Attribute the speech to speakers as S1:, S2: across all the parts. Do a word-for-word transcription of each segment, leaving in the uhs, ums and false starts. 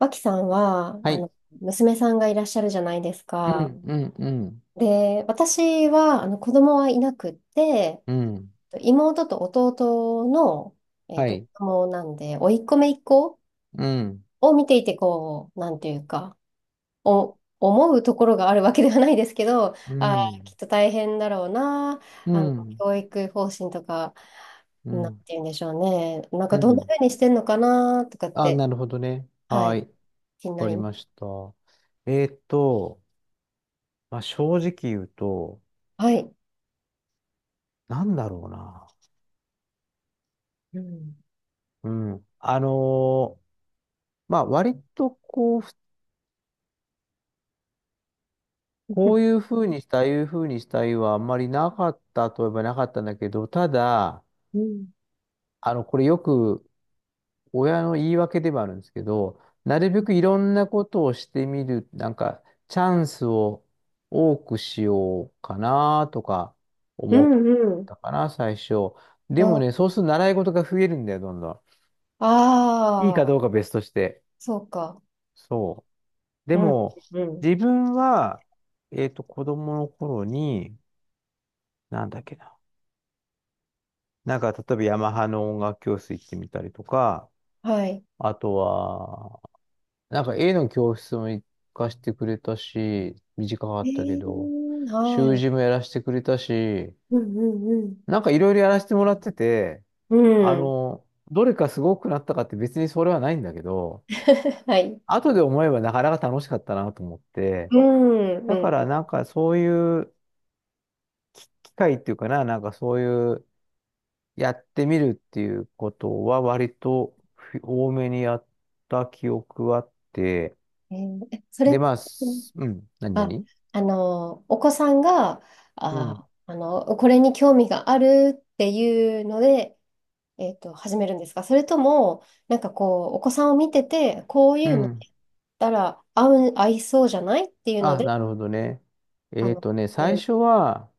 S1: 脇さんは、
S2: は
S1: あ
S2: い。
S1: の、娘さんがいらっしゃるじゃないです
S2: う
S1: か。
S2: ん、うん、うん、
S1: で、私は、あの、子供はいなくって、
S2: うん。
S1: 妹と弟の、えっ
S2: は
S1: と、
S2: い。
S1: 子供なんで、甥っ子姪っ子
S2: うん、
S1: を見ていて、こう、なんていうか、お、思うところがあるわけではないですけど、
S2: う
S1: あー、き
S2: ん、
S1: っと大変だろうな、
S2: う
S1: あの、
S2: ん、
S1: 教育方針とか、
S2: う
S1: なんて
S2: ん、
S1: 言うんでしょうね。なん
S2: う
S1: か、どんな
S2: ん。
S1: 風にしてんのかな、とかっ
S2: あ、
S1: て、
S2: なるほどね。
S1: は
S2: は
S1: い、
S2: い。
S1: 気にな
S2: わかり
S1: りま
S2: ま
S1: す。
S2: した。えーっと、まあ、正直言うと、
S1: はい。
S2: なんだろうな。
S1: うん。
S2: うん。あのーまあ、割とこう、ふこういうふうにしたい、ああいうふうにしたいはあんまりなかったといえばなかったんだけど、ただ、
S1: うん
S2: あの、これよく親の言い訳ではあるんですけど、なるべくいろんなことをしてみる、なんか、チャンスを多くしようかなとか
S1: う
S2: 思っ
S1: んうん。
S2: たかな、最初。でもね、そうすると習い事が増えるんだよ、どんど
S1: あ
S2: ん。いい
S1: あ
S2: か
S1: あ、
S2: どうか別として。
S1: そうか。
S2: そう。で
S1: うん
S2: も、
S1: うん。
S2: 自分は、えっと、子供の頃に、なんだっけな。なんか、例えばヤマハの音楽教室行ってみたりとか、
S1: はい。
S2: あとは、なんか絵の教室も行かしてくれたし、短か
S1: え
S2: ったけど、
S1: ー、は
S2: 習
S1: い。
S2: 字もやらせてくれたし、
S1: うんうん
S2: なんかいろいろやらせてもらってて、
S1: う
S2: あ
S1: ん。うん
S2: の、どれかすごくなったかって別にそれはないんだけど、
S1: はい。
S2: 後で思えばなかなか楽しかったなと思って、
S1: うんう
S2: だか
S1: ん
S2: ら
S1: う
S2: なんかそういう機会っていうかな、なんかそういうやってみるっていうことは割と多めにやった記憶はあって、
S1: ん。えーえそ
S2: で、
S1: れ、
S2: まあ、すうん、何
S1: あ、
S2: 々
S1: あの、お子さんが、
S2: うん。
S1: あ、あの、これに興味があるっていうので、えっと、始めるんですか、それとも、なんかこう、お子さんを見てて、こう
S2: う
S1: いうのや
S2: ん、
S1: ったら合う、合いそうじゃないっていうの
S2: あ、
S1: で、
S2: なるほどね。
S1: あ
S2: えっ
S1: の、
S2: とね、最初は、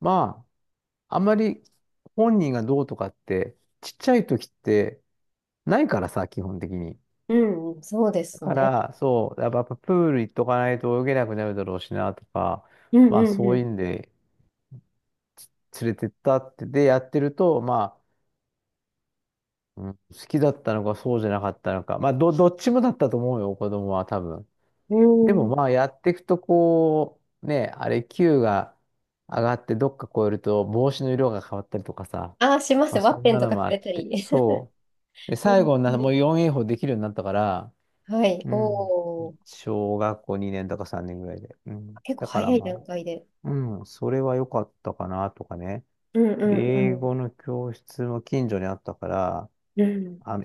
S2: まあ、あんまり本人がどうとかって、ちっちゃい時ってないからさ、基本的に。
S1: うん、そうで
S2: だ
S1: す
S2: か
S1: ね。
S2: ら、そう、やっぱやっぱプール行っとかないと泳げなくなるだろうしなとか、
S1: うん
S2: まあそ
S1: う
S2: ういう
S1: ん
S2: んで連れてったって、で、やってると、まあ、うん、好きだったのかそうじゃなかったのか、まあど、どっちもだったと思うよ、子供は多分。
S1: うん。
S2: で
S1: う
S2: もま
S1: ん。
S2: あやっていくとこう、ね、あれ Q が上がってどっか超えると帽子の色が変わったりとかさ、
S1: ああ、します。
S2: まあ
S1: ワッ
S2: そん
S1: ペン
S2: な
S1: と
S2: の
S1: かく
S2: もあっ
S1: れた
S2: て、
S1: り。
S2: そう。で、
S1: うん
S2: 最後にな、
S1: う
S2: もう
S1: ん。
S2: フォーエー 法できるようになったから、
S1: はい。
S2: うん。
S1: おお。
S2: 小学校にねんだかさんねんぐらいで。うん。
S1: 結構
S2: だから
S1: 早い
S2: ま
S1: 段
S2: あ、
S1: 階で。
S2: うん、それは良かったかなとかね。
S1: うんう
S2: で、英
S1: ん
S2: 語の教室も近所にあったから、
S1: うん。うん。
S2: あの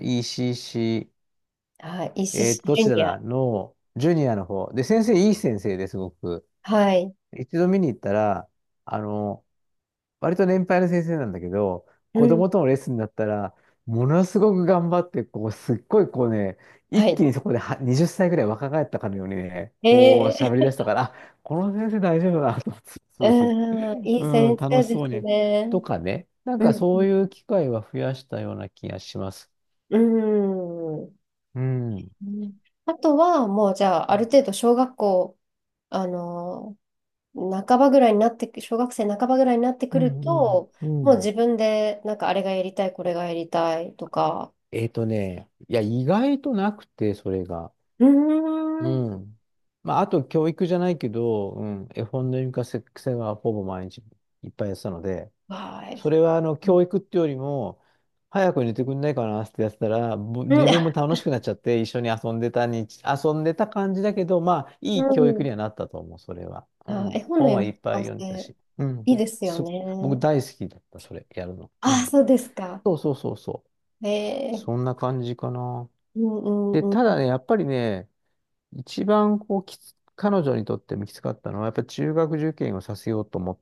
S1: はい。
S2: イーシーシー、
S1: 石
S2: え
S1: 師
S2: ーど
S1: ジ
S2: ち
S1: ュ
S2: ら
S1: ニア。
S2: だのジュニアの方。で、先生いい先生ですごく。
S1: はい。
S2: 一度見に行ったら、あの、割と年配の先生なんだけど、
S1: う
S2: 子
S1: ん。
S2: 供とのレッスンだったら、ものすごく頑張って、こう、すっごいこうね、
S1: は
S2: 一気
S1: い。
S2: にそこでははたちぐらい若返ったかのようにね、こう
S1: え
S2: 喋り出し
S1: ー、
S2: たから、あ、この先生大丈夫だなと思って、そうですね。
S1: うん、いい
S2: うん、
S1: 先
S2: 楽
S1: 生
S2: し
S1: で
S2: そう
S1: す
S2: に。
S1: ね。
S2: とかね、なん
S1: う
S2: か
S1: ん。
S2: そういう機会は増やしたような気がします。
S1: うん。
S2: うん。
S1: うん。あとは、もうじゃあ、ある程度小学校、あの半ばぐらいになってく、小学生半ばぐらいになってく
S2: うん
S1: ると、
S2: う
S1: も
S2: ん
S1: う
S2: うん。
S1: 自分で、なんかあれがやりたい、これがやりたいとか、
S2: えっとね、いや、意外となくて、それが。
S1: うーん、
S2: うん。まあ、あと教育じゃないけど、うん、絵本の読み聞かせはほぼ毎日いっぱいやってたので、
S1: は
S2: それはあの
S1: い。う
S2: 教育ってよりも、早く寝てくんないかなってやってたら、ぼ自分も
S1: ん、
S2: 楽しくなっちゃって一緒に遊んでたに、遊んでた感じだけど、まあ、
S1: う
S2: いい教育
S1: ん。
S2: にはなったと思う、それは。うん、
S1: あ、絵本の
S2: 本は
S1: 読み
S2: い
S1: 聞
S2: っぱ
S1: か
S2: い読んでた
S1: せ、
S2: し、うん、
S1: いいですよ
S2: す、僕
S1: ね。
S2: 大好きだった、それ、やるの。う
S1: あ、
S2: ん。
S1: そうですか。
S2: そうそうそうそう。
S1: え
S2: そ
S1: え、
S2: んな感じかな。
S1: うんう
S2: で、
S1: んう
S2: ただ
S1: ん。
S2: ね、やっぱりね、一番こうきつ、彼女にとってもきつかったのは、やっぱり中学受験をさせようと思っ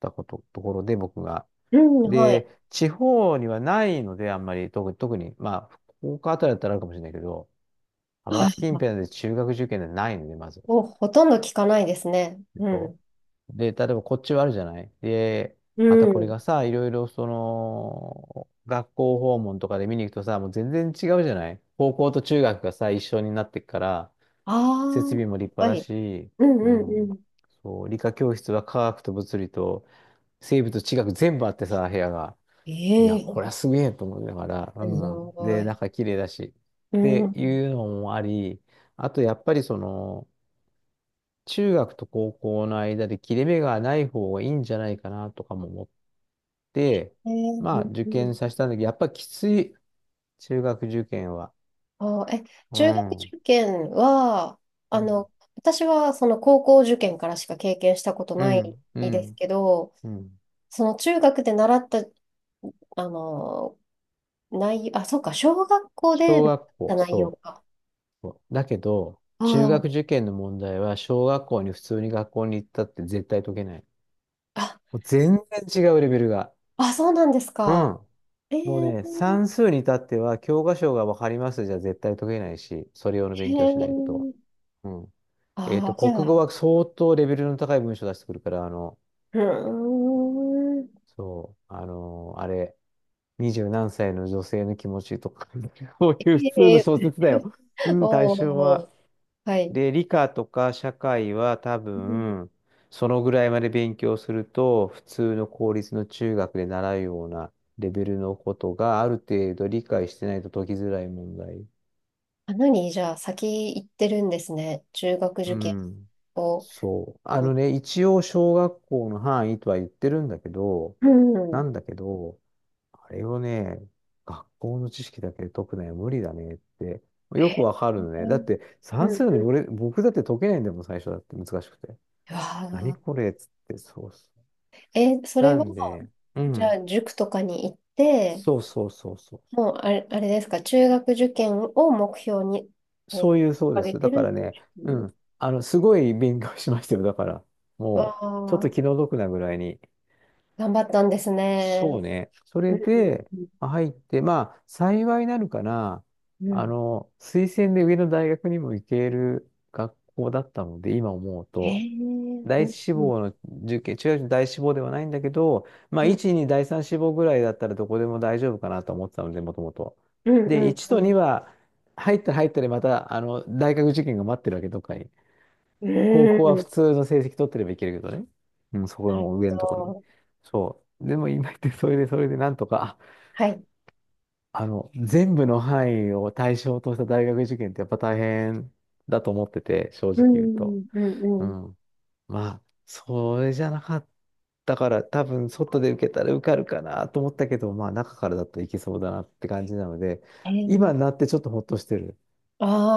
S2: たこと、ところで僕が。
S1: うん、はい。
S2: で、地方にはないので、あんまり、特に、特に、まあ、福岡あたりだったらあるかもしれないけど、浜
S1: あ、
S2: 松近辺で中学受験でないので、まず。
S1: もうほとんど聞かないですね。
S2: えっ
S1: う
S2: と
S1: ん。
S2: で、例えばこっちはあるじゃないで、
S1: う
S2: またこれ
S1: ん。
S2: がさ、いろいろその、学校訪問とかで見に行くとさ、もう全然違うじゃない高校と中学がさ、一緒になってくから、設
S1: ああ、
S2: 備も
S1: いっ
S2: 立派
S1: ぱ
S2: だ
S1: い。
S2: し、
S1: うん
S2: う
S1: うんう
S2: ん。
S1: ん。
S2: そう、理科教室は科学と物理と生物と地学全部あってさ、部屋が。いや、
S1: え
S2: これ
S1: え、
S2: はすげえと思いながら、う
S1: す
S2: ん。
S1: ご
S2: で、
S1: い。
S2: 中綺麗だし。
S1: う
S2: って
S1: ん。
S2: いうのもあり、あとやっぱりその、中学と高校の間で切れ目がない方がいいんじゃないかなとかも思って、
S1: ええ、
S2: まあ
S1: うん
S2: 受
S1: う
S2: 験
S1: ん、
S2: させたんだけど、やっぱきつい、中学受験は。
S1: あー、え、
S2: う
S1: 中学
S2: ん。う
S1: 受験は、
S2: ん。
S1: あの、私はその高校受験からしか経験したこと
S2: う
S1: ない
S2: ん。う
S1: です
S2: ん。
S1: けど、
S2: うん。
S1: その中学で習った、あの、内容、あ、そうか、小学校で
S2: 小
S1: 習っ
S2: 学校、
S1: た内容
S2: そう。
S1: か。
S2: だけど、
S1: あ
S2: 中学
S1: ー
S2: 受験の問題は、小学校に普通に学校に行ったって絶対解けない。
S1: あ、
S2: もう全然違うレベルが。
S1: あ、そうなんです
S2: う
S1: か。
S2: ん。
S1: え
S2: もうね、
S1: ー、
S2: 算数に至っては、教科書がわかりますじゃ絶対解けないし、それ用の
S1: へ
S2: 勉強しないと。
S1: ー、
S2: うん。えっ
S1: あ
S2: と、
S1: ー、じゃ
S2: 国語
S1: あ、
S2: は相当レベルの高い文章出してくるから、あの、
S1: うーん、
S2: そう、あの、あれ、にじゅうなんさいの女性の気持ちとか、こういう普通の
S1: え
S2: 小
S1: ー、
S2: 説だよ。う ん、対
S1: お
S2: 象は。
S1: ー、はい。
S2: で、理科とか社会は多
S1: うん、
S2: 分、そのぐらいまで勉強すると、普通の公立の中学で習うようなレベルのことがある程度理解してないと解きづらい問題。
S1: あ、何じゃあ、先行ってるんですね。中学
S2: う
S1: 受験
S2: ん。
S1: を。
S2: そう。あ
S1: う
S2: のね、一応小学校の範囲とは言ってるんだけど、な
S1: ん。
S2: んだけど、あれをね、学校の知識だけで解くのは無理だねって、よく
S1: え、
S2: わかるの
S1: う
S2: ね。だ
S1: ん。
S2: って
S1: う
S2: 算数の
S1: ん、
S2: 俺、僕だって解けないんだもん、最初だって難しくて。
S1: わ
S2: 何
S1: あ、
S2: これっつって、そうそう。
S1: え、それ
S2: な
S1: は、
S2: んで、う
S1: じゃ
S2: ん。
S1: あ、塾とかに行って、
S2: そうそうそうそう。
S1: もうあれ、あれですか、中学受験を目標に、え
S2: そ
S1: ー、
S2: ういう、そうで
S1: 上げ
S2: す。
S1: て
S2: だか
S1: る。
S2: らね、うん。あの、すごい勉強しましたよ。だから、
S1: わ
S2: もう、ちょっと
S1: あ、
S2: 気の毒なぐらいに。
S1: 頑張ったんです
S2: そ
S1: ね。
S2: うね。そ
S1: う
S2: れ
S1: ん。
S2: で、あ入って、まあ、幸いなるかな。
S1: うん。う
S2: あ
S1: ん。
S2: の、推薦で上の大学にも行ける学校だったので、今思う
S1: ええ
S2: と。
S1: ー、
S2: 第
S1: う
S2: 一
S1: ん。
S2: 志
S1: うん。
S2: 望の受験、中学の第一志望ではないんだけど、まあ、
S1: うん。
S2: いち、に、第三志望ぐらいだったらどこでも大丈夫かなと思ってたので、もともと。
S1: うん。
S2: で、
S1: うん
S2: いちと
S1: う
S2: に
S1: ん。
S2: は、入ったら入ったでまた、あの、大学受験が待ってるわけ、どっかに。
S1: う
S2: 高校は普
S1: ん。
S2: 通の成績取ってればいけるけどね。うん、そこ
S1: なる
S2: の上
S1: ほ
S2: のところに。
S1: ど。
S2: そう。でも今言って、それで、それでなんとか、あ
S1: はい。
S2: あの、全部の範囲を対象とした大学受験ってやっぱ大変だと思ってて、正
S1: う
S2: 直言うと。
S1: ん。うん。
S2: う
S1: うん。
S2: ん。まあ、それじゃなかったから、多分外で受けたら受かるかなと思ったけど、まあ中からだといけそうだなって感じなので、
S1: ええー、
S2: 今になってちょっとほっとしてる。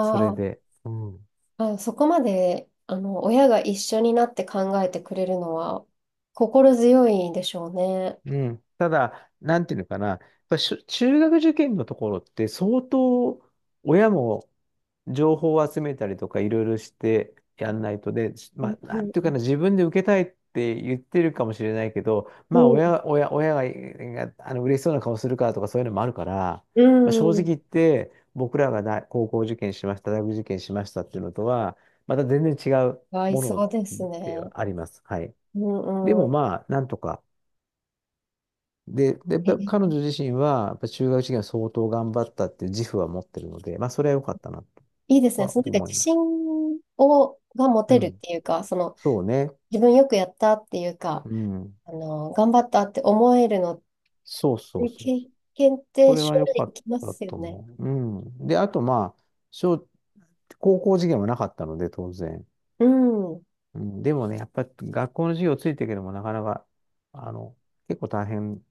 S2: それ
S1: あ、
S2: で。うん。
S1: あ、そこまで、あの、親が一緒になって考えてくれるのは心強いでしょうね。
S2: うん。ただ、なんていうのかな。やっぱしゅ中学受験のところって相当親も情報を集めたりとかいろいろしてやんないとで、まあ、なんていう
S1: う
S2: か
S1: ん
S2: な、自分で受けたいって言ってるかもしれないけど、
S1: う
S2: まあ、
S1: ん
S2: 親、親、親が、があの嬉しそうな顔するからとかそういうのもあるから、
S1: う
S2: まあ、正直
S1: ん。
S2: 言って、僕らが大高校受験しました、大学受験しましたっていうのとは、また全然違う
S1: 合い
S2: も
S1: そ
S2: の
S1: うです
S2: では
S1: ね。
S2: あります。はい。
S1: う
S2: で
S1: ん
S2: も
S1: う
S2: まあ、なんとか。で、で、やっ
S1: ん。え、
S2: ぱ彼女自身は、やっぱ中学受験は相当頑張ったっていう自負は持ってるので、まあ、それは良かったなと
S1: いいですね。
S2: は
S1: そのなんか
S2: 思い
S1: 自
S2: ま
S1: 信
S2: す。
S1: を、が持
S2: う
S1: てるっ
S2: ん、
S1: ていうか、その
S2: そうね。
S1: 自分よくやったっていうか、
S2: うん。
S1: あの、頑張ったって思えるのっ
S2: そうそう
S1: て
S2: そう
S1: 経
S2: そう。
S1: 験っ
S2: そ
S1: て
S2: れ
S1: 将
S2: は良
S1: 来
S2: か
S1: 生
S2: っ
S1: きま
S2: た
S1: すよ
S2: と
S1: ね。
S2: 思う。うん。で、あとまあ、小、高校受験はなかったので、当然。
S1: うん。う
S2: うん。でもね、やっぱり学校の授業ついてるけども、なかなか、あの、結構大変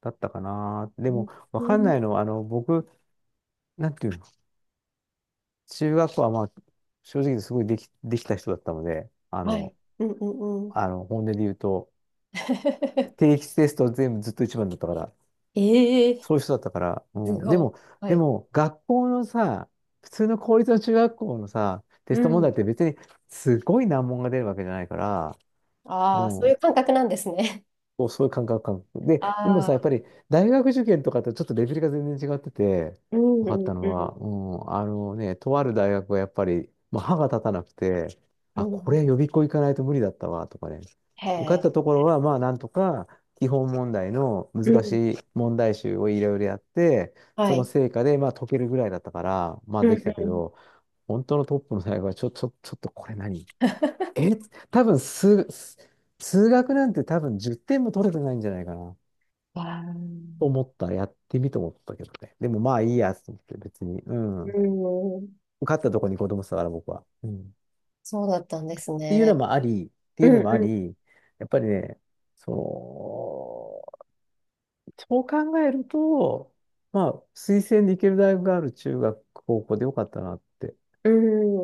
S2: だったかな。でも、わかんない
S1: ん、
S2: のは、あの、僕、なんていうの、中学校はまあ、正直すごいでき、できた人だったので、あ
S1: は
S2: の、
S1: い。うんうんうん。
S2: あの、本音で言うと、定期テスト全部ずっと一番だったから、
S1: ええ、
S2: そういう人だったから。う
S1: す
S2: ん。で
S1: ごい。
S2: も、
S1: は
S2: で
S1: い。
S2: も、学校のさ、普通の公立の中学校のさ、テ
S1: う
S2: スト問題っ
S1: ん。
S2: て別にすごい難問が出るわけじゃないから、う
S1: ああ、そうい
S2: ん。
S1: う感覚なんですね。
S2: もうそういう感覚、感覚。で、でも
S1: あ
S2: さ、やっ
S1: あ、
S2: ぱり大学受験とかとちょっとレベルが全然違ってて、
S1: う
S2: 分
S1: んう
S2: かった
S1: ん
S2: の
S1: う
S2: は、うん、あのね、とある大学はやっぱり、まあ、歯が立たなくて、
S1: ん。
S2: あ、
S1: う
S2: これ
S1: ん。
S2: 予備校行かないと無理だったわ、とかね。
S1: へ
S2: 受かった
S1: え。
S2: ところは、まあ、なんとか、基本問題の
S1: う
S2: 難
S1: ん。
S2: しい問題集をいろいろやって、
S1: は
S2: その
S1: い。
S2: 成果で、まあ、解けるぐらいだったから、まあ、
S1: うん
S2: できたけ
S1: うん。
S2: ど、本当のトップの大学は、ちょ、ちょ、ちょっとこれ何え、多分数、数数学なんて多分じゅってんも取れてないんじゃないかな。
S1: わー、
S2: と思ったらやってみと思ったけどね。でもまあいいやと思って別に。う
S1: う
S2: ん。
S1: ん。
S2: 受かったとこに子供したから僕は。うん。っ
S1: そうだったんです
S2: ていうの
S1: ね。
S2: もあり、って
S1: う
S2: いう
S1: ん
S2: のもあ
S1: う
S2: り、やっぱりね、その、そう考えると、まあ推薦で行ける大学がある中学、高校でよかったなって、
S1: ん。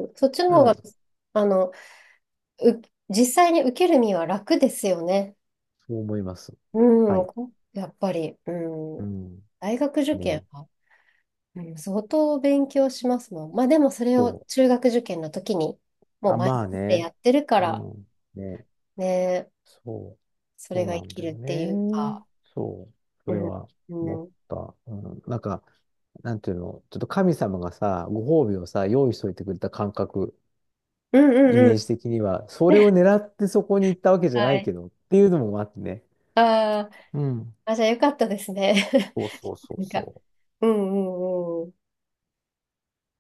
S1: うん。そっちの
S2: う
S1: 方
S2: ん、
S1: が、
S2: そ
S1: あの、う、実際に受ける身は楽ですよね。
S2: う思います。は
S1: うん。
S2: い。
S1: こやっぱり、うん。
S2: うん。
S1: 大学受
S2: ね。
S1: 験は、うん、相当勉強しますもん。まあでもそれを
S2: そう。
S1: 中学受験の時にも
S2: あ、
S1: う前
S2: まあ
S1: もってや
S2: ね。
S1: ってるか
S2: う
S1: ら
S2: ん。ね。
S1: ね、
S2: そう、
S1: それ
S2: そう
S1: が
S2: な
S1: 生
S2: ん
S1: き
S2: だよ
S1: るっていう
S2: ね。
S1: か。
S2: そう、そ
S1: う
S2: れ
S1: ん、
S2: は
S1: う
S2: 思っ
S1: ん、うん
S2: た。うん、なんか、なんていうの、ちょっと神様がさ、ご褒美をさ、用意しといてくれた感覚、
S1: う
S2: イ
S1: んう
S2: メー
S1: ん。
S2: ジ的には、それを 狙ってそこに行ったわけじゃ
S1: は
S2: ない
S1: い。
S2: けど、っていうのもあってね。
S1: あー
S2: うん。
S1: あ、じゃあよかったですね。
S2: そうそうそ う
S1: なんか、
S2: そう。
S1: うんうんうん。